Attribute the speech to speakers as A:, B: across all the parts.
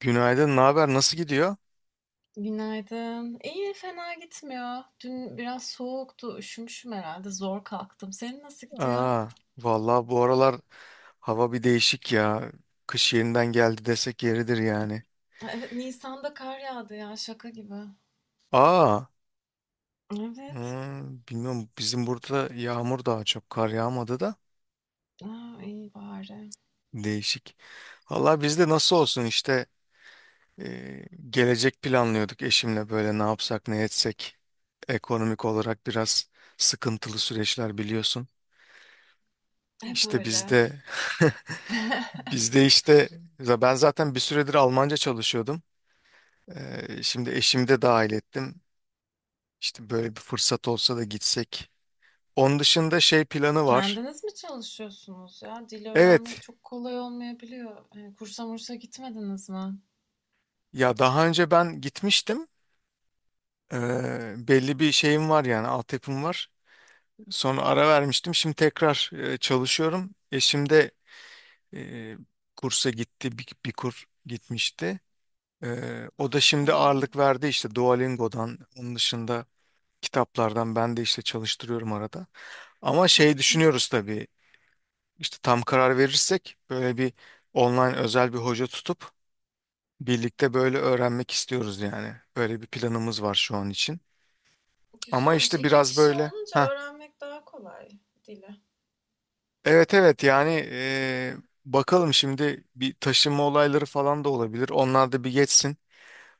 A: Günaydın, ne haber? Nasıl gidiyor?
B: Günaydın. İyi, fena gitmiyor. Dün biraz soğuktu, üşümüşüm herhalde. Zor kalktım. Senin nasıl gidiyor?
A: Aa, Vallahi bu aralar hava bir değişik ya. Kış yeniden geldi desek yeridir yani.
B: Ha, Evet, Nisan'da kar yağdı ya, şaka gibi.
A: Aa,
B: Evet.
A: Bilmiyorum, bizim burada yağmur, daha çok kar yağmadı da
B: Aa, iyi bari.
A: değişik. Vallahi bizde nasıl olsun işte gelecek planlıyorduk eşimle, böyle ne yapsak ne etsek. Ekonomik olarak biraz sıkıntılı süreçler, biliyorsun.
B: Hep
A: İşte
B: öyle.
A: bizde bizde işte ben zaten bir süredir Almanca çalışıyordum. Şimdi eşimi de dahil ettim. İşte böyle bir fırsat olsa da gitsek. Onun dışında şey planı var.
B: Kendiniz mi çalışıyorsunuz ya? Dili öğrenmek
A: Evet,
B: çok kolay olmayabiliyor. Kursa mursa gitmediniz mi?
A: ya daha önce ben gitmiştim. Belli bir şeyim var, yani altyapım var. Sonra ara vermiştim. Şimdi tekrar çalışıyorum. Eşim de e, kursa gitti, bir kur gitmişti. O da
B: Aa,
A: şimdi
B: hı
A: ağırlık verdi işte Duolingo'dan. Onun dışında kitaplardan ben de işte çalıştırıyorum arada. Ama
B: hı.
A: şey düşünüyoruz tabii. İşte tam karar verirsek böyle bir online özel bir hoca tutup birlikte böyle öğrenmek istiyoruz yani. Böyle bir planımız var şu an için. Ama
B: Güzelmiş.
A: işte
B: İki
A: biraz
B: kişi
A: böyle
B: olunca
A: ha,
B: öğrenmek daha kolay dili.
A: evet evet yani bakalım, şimdi bir taşınma olayları falan da olabilir. Onlar da bir geçsin.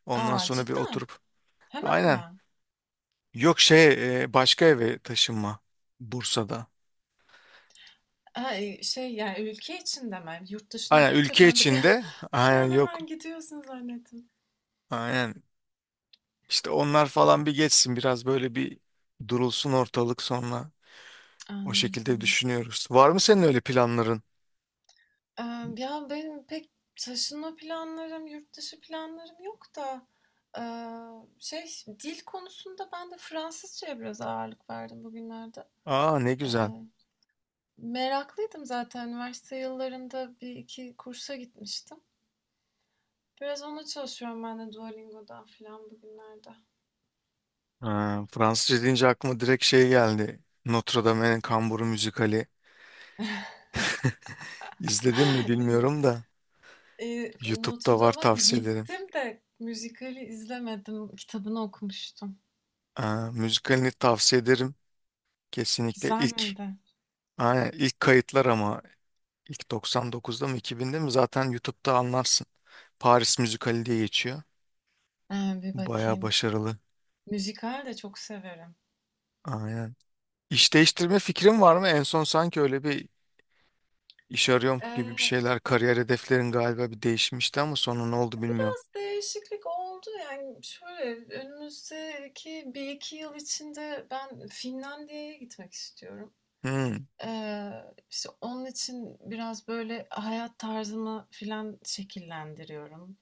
A: Ondan
B: Aa,
A: sonra bir
B: cidden?
A: oturup
B: Hemen
A: aynen,
B: mi?
A: yok şey, başka eve taşınma, Bursa'da.
B: Ay, şey yani ülke içinde mi? Hani yurt dışına
A: Aynen,
B: deyince
A: ülke
B: ben de bir an,
A: içinde,
B: bir
A: aynen
B: an
A: yok,
B: hemen gidiyorsun zannettim.
A: aynen işte onlar falan bir geçsin, biraz böyle bir durulsun ortalık sonra. O şekilde
B: Anladım.
A: düşünüyoruz. Var mı senin öyle planların?
B: Ee, Ya benim pek taşınma planlarım, yurt dışı planlarım yok da şey, dil konusunda ben de Fransızcaya biraz ağırlık verdim bugünlerde.
A: Aa, ne
B: Ee,
A: güzel.
B: meraklıydım zaten. Üniversite yıllarında bir iki kursa gitmiştim. Biraz ona çalışıyorum ben de Duolingo'dan falan bugünlerde.
A: Ha, Fransızca deyince aklıma direkt şey geldi. Notre Dame'in Kamburu müzikali. İzledin mi bilmiyorum da.
B: Notre
A: YouTube'da var,
B: Dame'a
A: tavsiye ederim.
B: gittim de müzikali izlemedim. Kitabını okumuştum.
A: Aa, müzikalini tavsiye ederim. Kesinlikle
B: Güzel
A: ilk.
B: miydi?
A: Aynen, ilk kayıtlar ama ilk 99'da mı 2000'de mi, zaten YouTube'da anlarsın. Paris müzikali diye geçiyor.
B: Ee, Bir
A: Baya
B: bakayım.
A: başarılı.
B: Müzikal de çok severim.
A: Aynen. İş değiştirme fikrin var mı? En son sanki öyle bir İş arıyorum gibi bir
B: Ee,
A: şeyler. Kariyer hedeflerin galiba bir değişmişti ama sonra ne oldu bilmiyorum.
B: Biraz değişiklik oldu, yani şöyle, önümüzdeki bir iki yıl içinde ben Finlandiya'ya gitmek istiyorum.
A: Hmm,
B: Ee, işte onun için biraz böyle hayat tarzımı filan şekillendiriyorum.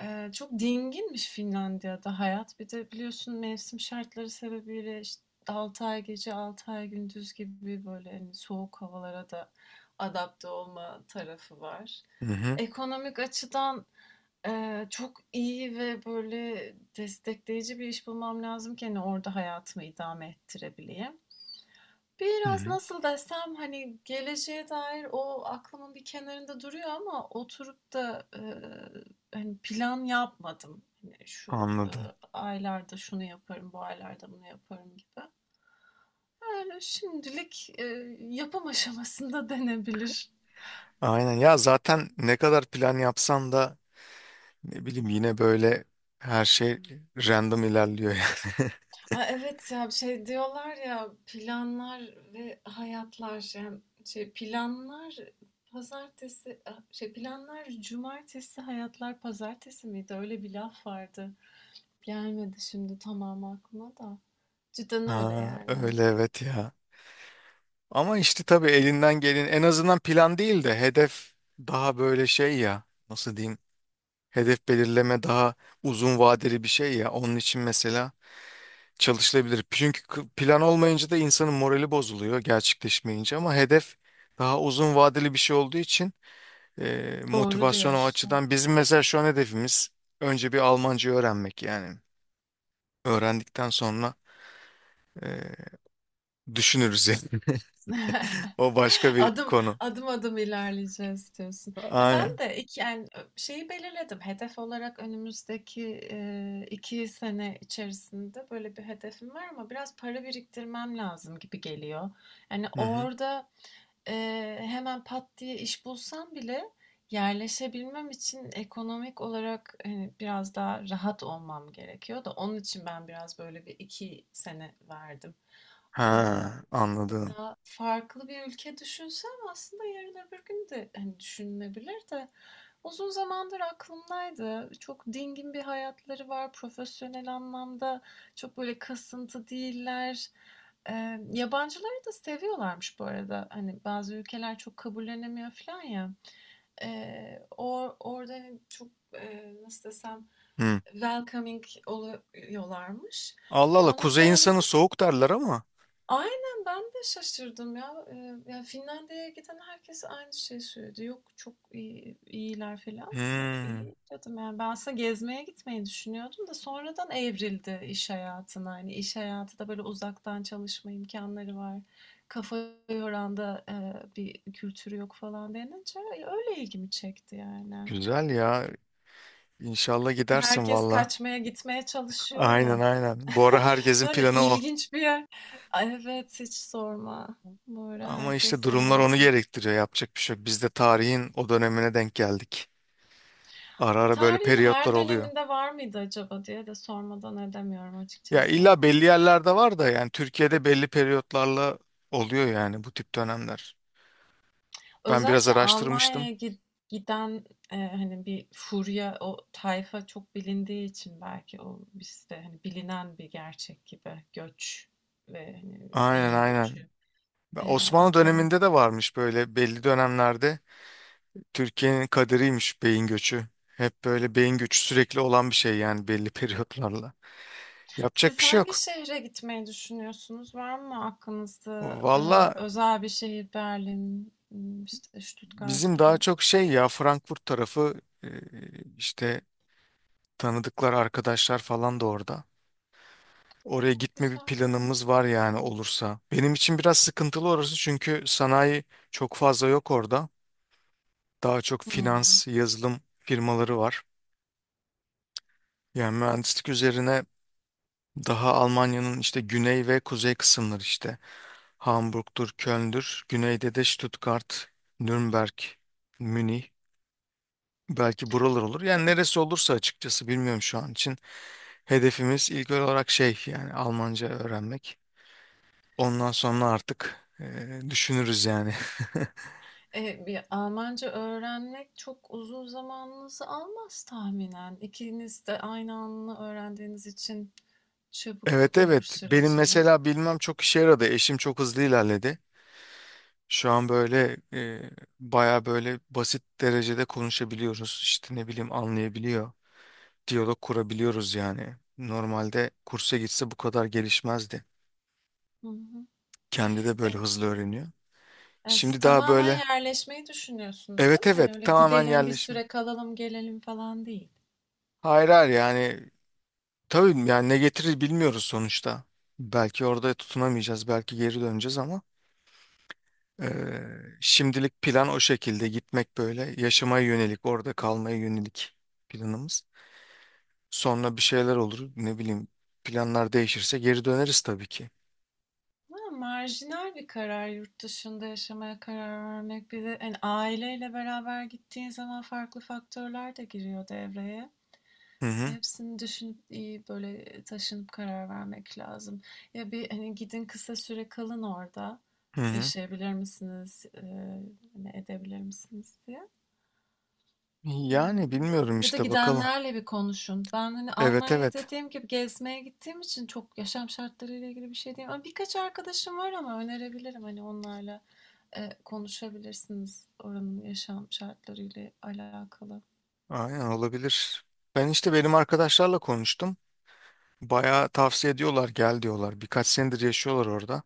B: Çok dinginmiş Finlandiya'da hayat. Bir de biliyorsun mevsim şartları sebebiyle, işte, 6 ay gece 6 ay gündüz gibi böyle, hani, soğuk havalara da adapte olma tarafı var.
A: hı hı.
B: Ekonomik açıdan, çok iyi ve böyle destekleyici bir iş bulmam lazım ki, hani, orada hayatımı idame ettirebileyim.
A: Hı
B: Biraz
A: hı.
B: nasıl desem, hani, geleceğe dair o aklımın bir kenarında duruyor ama oturup da, hani, plan yapmadım. Hani, şu,
A: Anladım.
B: aylarda şunu yaparım, bu aylarda bunu yaparım gibi. Öyle şimdilik, yapım aşamasında denebilir.
A: Aynen ya, zaten ne kadar plan yapsan da ne bileyim, yine böyle her şey random ilerliyor yani.
B: Ay, evet ya, şey diyorlar ya, planlar ve hayatlar, yani, şey, planlar pazartesi, ah, şey, planlar cumartesi, hayatlar pazartesi miydi? Öyle bir laf vardı. Gelmedi şimdi tamam aklıma da. Cidden öyle
A: Ha,
B: yani.
A: öyle evet ya. Ama işte tabii elinden gelin en azından plan değil de hedef, daha böyle şey ya, nasıl diyeyim, hedef belirleme daha uzun vadeli bir şey ya. Onun için mesela çalışılabilir. Çünkü plan olmayınca da insanın morali bozuluyor gerçekleşmeyince, ama hedef daha uzun vadeli bir şey olduğu için
B: Doğru
A: motivasyon o
B: diyorsun.
A: açıdan, bizim mesela şu an hedefimiz önce bir Almanca öğrenmek yani. Öğrendikten sonra e, düşünürüz yani. O başka bir
B: Adım
A: konu.
B: adım ilerleyeceğiz diyorsun. Ya ben
A: Aynen.
B: de iki yani şeyi belirledim. Hedef olarak önümüzdeki iki sene içerisinde böyle bir hedefim var ama biraz para biriktirmem lazım gibi geliyor. Yani
A: Hı hı.
B: orada e, hemen pat diye iş bulsam bile yerleşebilmem için ekonomik olarak hani biraz daha rahat olmam gerekiyor da onun için ben biraz böyle bir iki sene verdim.
A: Ha, anladım.
B: Daha farklı bir ülke düşünsem aslında yarın öbür gün de hani düşünülebilir de uzun zamandır aklımdaydı. Çok dingin bir hayatları var. Profesyonel anlamda çok böyle kasıntı değiller. Yabancıları da seviyorlarmış bu arada. Hani bazı ülkeler çok kabullenemiyor falan ya. Orada hani çok nasıl desem,
A: Hı.
B: welcoming oluyorlarmış.
A: Allah Allah,
B: O
A: kuzey insanı
B: nedenle
A: soğuk derler ama.
B: aynen, ben de şaşırdım ya. Ya Finlandiya'ya giden herkes aynı şeyi söyledi. Yok çok iyi, iyiler falan. Ben,
A: Hı.
B: İyi dedim yani, ben aslında gezmeye gitmeyi düşünüyordum da sonradan evrildi iş hayatına. Hani iş hayatı da böyle uzaktan çalışma imkanları var. Kafa yoran da bir kültürü yok falan denince öyle ilgimi çekti yani.
A: Güzel ya. İnşallah gidersin
B: Herkes
A: valla.
B: kaçmaya gitmeye çalışıyor
A: Aynen
B: ya.
A: aynen. Bu ara herkesin
B: Yani
A: planı o.
B: ilginç bir yer. Ay, evet, hiç sorma. Böyle
A: Ama işte
B: herkes
A: durumlar onu
B: meraklı.
A: gerektiriyor. Yapacak bir şey yok. Biz de tarihin o dönemine denk geldik. Ara ara böyle
B: Tarihin
A: periyotlar
B: her
A: oluyor.
B: döneminde var mıydı acaba diye de sormadan edemiyorum
A: Ya
B: açıkçası.
A: illa belli yerlerde var da, yani Türkiye'de belli periyotlarla oluyor yani bu tip dönemler. Ben biraz
B: Özellikle
A: araştırmıştım.
B: Giden hani bir furya, o tayfa çok bilindiği için belki o bizde hani bilinen bir gerçek gibi göç ve hani
A: Aynen
B: beyin
A: aynen.
B: göçü
A: Osmanlı
B: o taraf.
A: döneminde de varmış böyle belli dönemlerde, Türkiye'nin kaderiymiş beyin göçü. Hep böyle beyin göçü, sürekli olan bir şey yani belli periyotlarla. Yapacak bir
B: Siz
A: şey
B: hangi
A: yok.
B: şehre gitmeyi düşünüyorsunuz? Var mı aklınızda
A: Valla,
B: özel bir şehir, Berlin, işte Stuttgart
A: bizim
B: gibi? Aa,
A: daha çok şey ya, Frankfurt tarafı, işte tanıdıklar, arkadaşlar falan da orada. Oraya gitme bir
B: güzel,
A: planımız
B: Frankfurt
A: var
B: da
A: yani
B: güzel.
A: olursa. Benim için biraz sıkıntılı orası çünkü sanayi çok fazla yok orada. Daha çok
B: Hmm.
A: finans, yazılım firmaları var. Yani mühendislik üzerine daha Almanya'nın işte güney ve kuzey kısımları işte. Hamburg'dur, Köln'dür. Güneyde de Stuttgart, Nürnberg, Münih. Belki buralar olur. Yani
B: Kö-
A: neresi olursa açıkçası bilmiyorum şu an için. Hedefimiz ilk olarak şey yani Almanca öğrenmek. Ondan sonra artık düşünürüz yani.
B: E, bir Almanca öğrenmek çok uzun zamanınızı almaz tahminen. İkiniz de aynı anda öğrendiğiniz için çabuk
A: Evet
B: olur
A: evet, benim
B: süreciniz.
A: mesela bilmem çok işe yaradı. Eşim çok hızlı ilerledi. Şu an böyle baya böyle basit derecede konuşabiliyoruz. İşte ne bileyim, anlayabiliyor. Diyalog kurabiliyoruz yani. Normalde kursa gitse bu kadar gelişmezdi.
B: Hı hı.
A: Kendi de böyle
B: E,
A: hızlı öğreniyor.
B: yani siz
A: Şimdi daha
B: tamamen
A: böyle
B: yerleşmeyi düşünüyorsunuz,
A: evet
B: değil mi?
A: evet,
B: Hani öyle
A: tamamen
B: gidelim bir
A: yerleşme.
B: süre kalalım gelelim falan değil.
A: Hayır hayır, yani tabii yani ne getirir bilmiyoruz sonuçta. Belki orada tutunamayacağız, belki geri döneceğiz ama şimdilik plan o şekilde, gitmek böyle yaşamaya yönelik, orada kalmaya yönelik planımız. Sonra bir şeyler olur, ne bileyim, planlar değişirse geri döneriz tabii ki.
B: Ha, marjinal bir karar yurt dışında yaşamaya karar vermek. Bir de hani aileyle beraber gittiğin zaman farklı faktörler de giriyor devreye.
A: Hı hı,
B: Hepsini düşünüp iyi böyle taşınıp karar vermek lazım. Ya bir hani gidin kısa süre kalın orada.
A: hı hı.
B: Yaşayabilir misiniz? Hani edebilir misiniz diye. Eee,
A: Yani bilmiyorum
B: Ya da
A: işte, bakalım.
B: gidenlerle bir konuşun. Ben hani
A: Evet
B: Almanya
A: evet,
B: dediğim gibi gezmeye gittiğim için çok yaşam şartlarıyla ilgili bir şey diyemem. Ama birkaç arkadaşım var ama önerebilirim, hani onlarla konuşabilirsiniz oranın yaşam şartlarıyla alakalı.
A: aynen olabilir. Ben işte benim arkadaşlarla konuştum. Bayağı tavsiye ediyorlar, gel diyorlar. Birkaç senedir yaşıyorlar orada.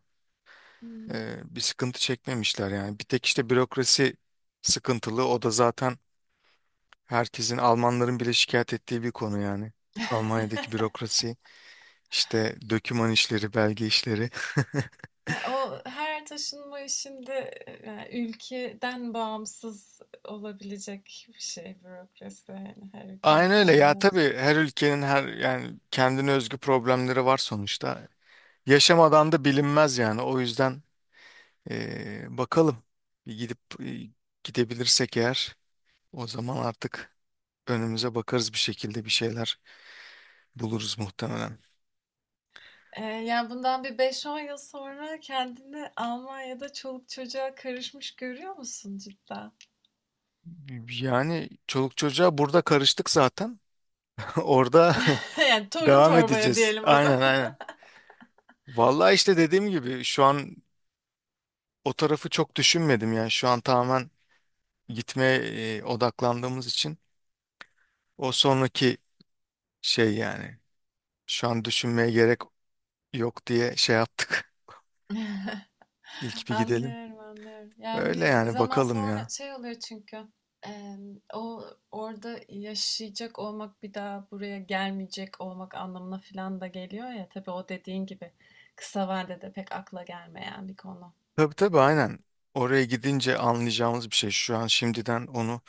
B: Hmm.
A: Bir sıkıntı çekmemişler yani. Bir tek işte bürokrasi sıkıntılı. O da zaten herkesin, Almanların bile şikayet ettiği bir konu yani. Almanya'daki bürokrasi, işte döküman işleri, belge işleri.
B: E, o her taşınma işinde yani ülkeden bağımsız olabilecek bir şey bürokrasi. Yani her ülkenin
A: Aynen öyle
B: kendine
A: ya,
B: özgü.
A: tabii her ülkenin her yani kendine özgü problemleri var sonuçta. Yaşamadan da bilinmez yani. O yüzden bakalım. Bir gidip gidebilirsek eğer, o zaman artık önümüze bakarız bir şekilde, bir şeyler buluruz muhtemelen.
B: E, yani bundan bir beş on yıl sonra kendini Almanya'da çoluk çocuğa karışmış görüyor musun cidden?
A: Yani çoluk çocuğa burada karıştık zaten. Orada
B: Yani torun
A: devam
B: torbaya
A: edeceğiz.
B: diyelim o
A: Aynen
B: zaman.
A: aynen. Vallahi işte dediğim gibi şu an o tarafı çok düşünmedim yani. Şu an tamamen gitmeye odaklandığımız için o sonraki şey yani. Şu an düşünmeye gerek yok diye şey yaptık. İlk bir gidelim.
B: Anlıyorum, anlıyorum. Yani
A: Öyle
B: bir
A: yani
B: zaman
A: bakalım
B: sonra
A: ya.
B: şey oluyor çünkü eee, o orada yaşayacak olmak bir daha buraya gelmeyecek olmak anlamına falan da geliyor ya. Tabii o dediğin gibi kısa vadede pek akla gelmeyen bir konu.
A: Tabii tabii aynen. Oraya gidince anlayacağımız bir şey. Şu an şimdiden onu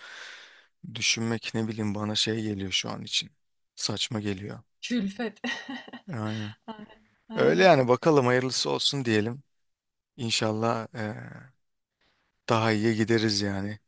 A: düşünmek, ne bileyim, bana şey geliyor şu an için. Saçma geliyor.
B: Külfet.
A: Aynen. Öyle
B: Aynen.
A: yani bakalım, hayırlısı olsun diyelim. İnşallah daha iyiye gideriz yani.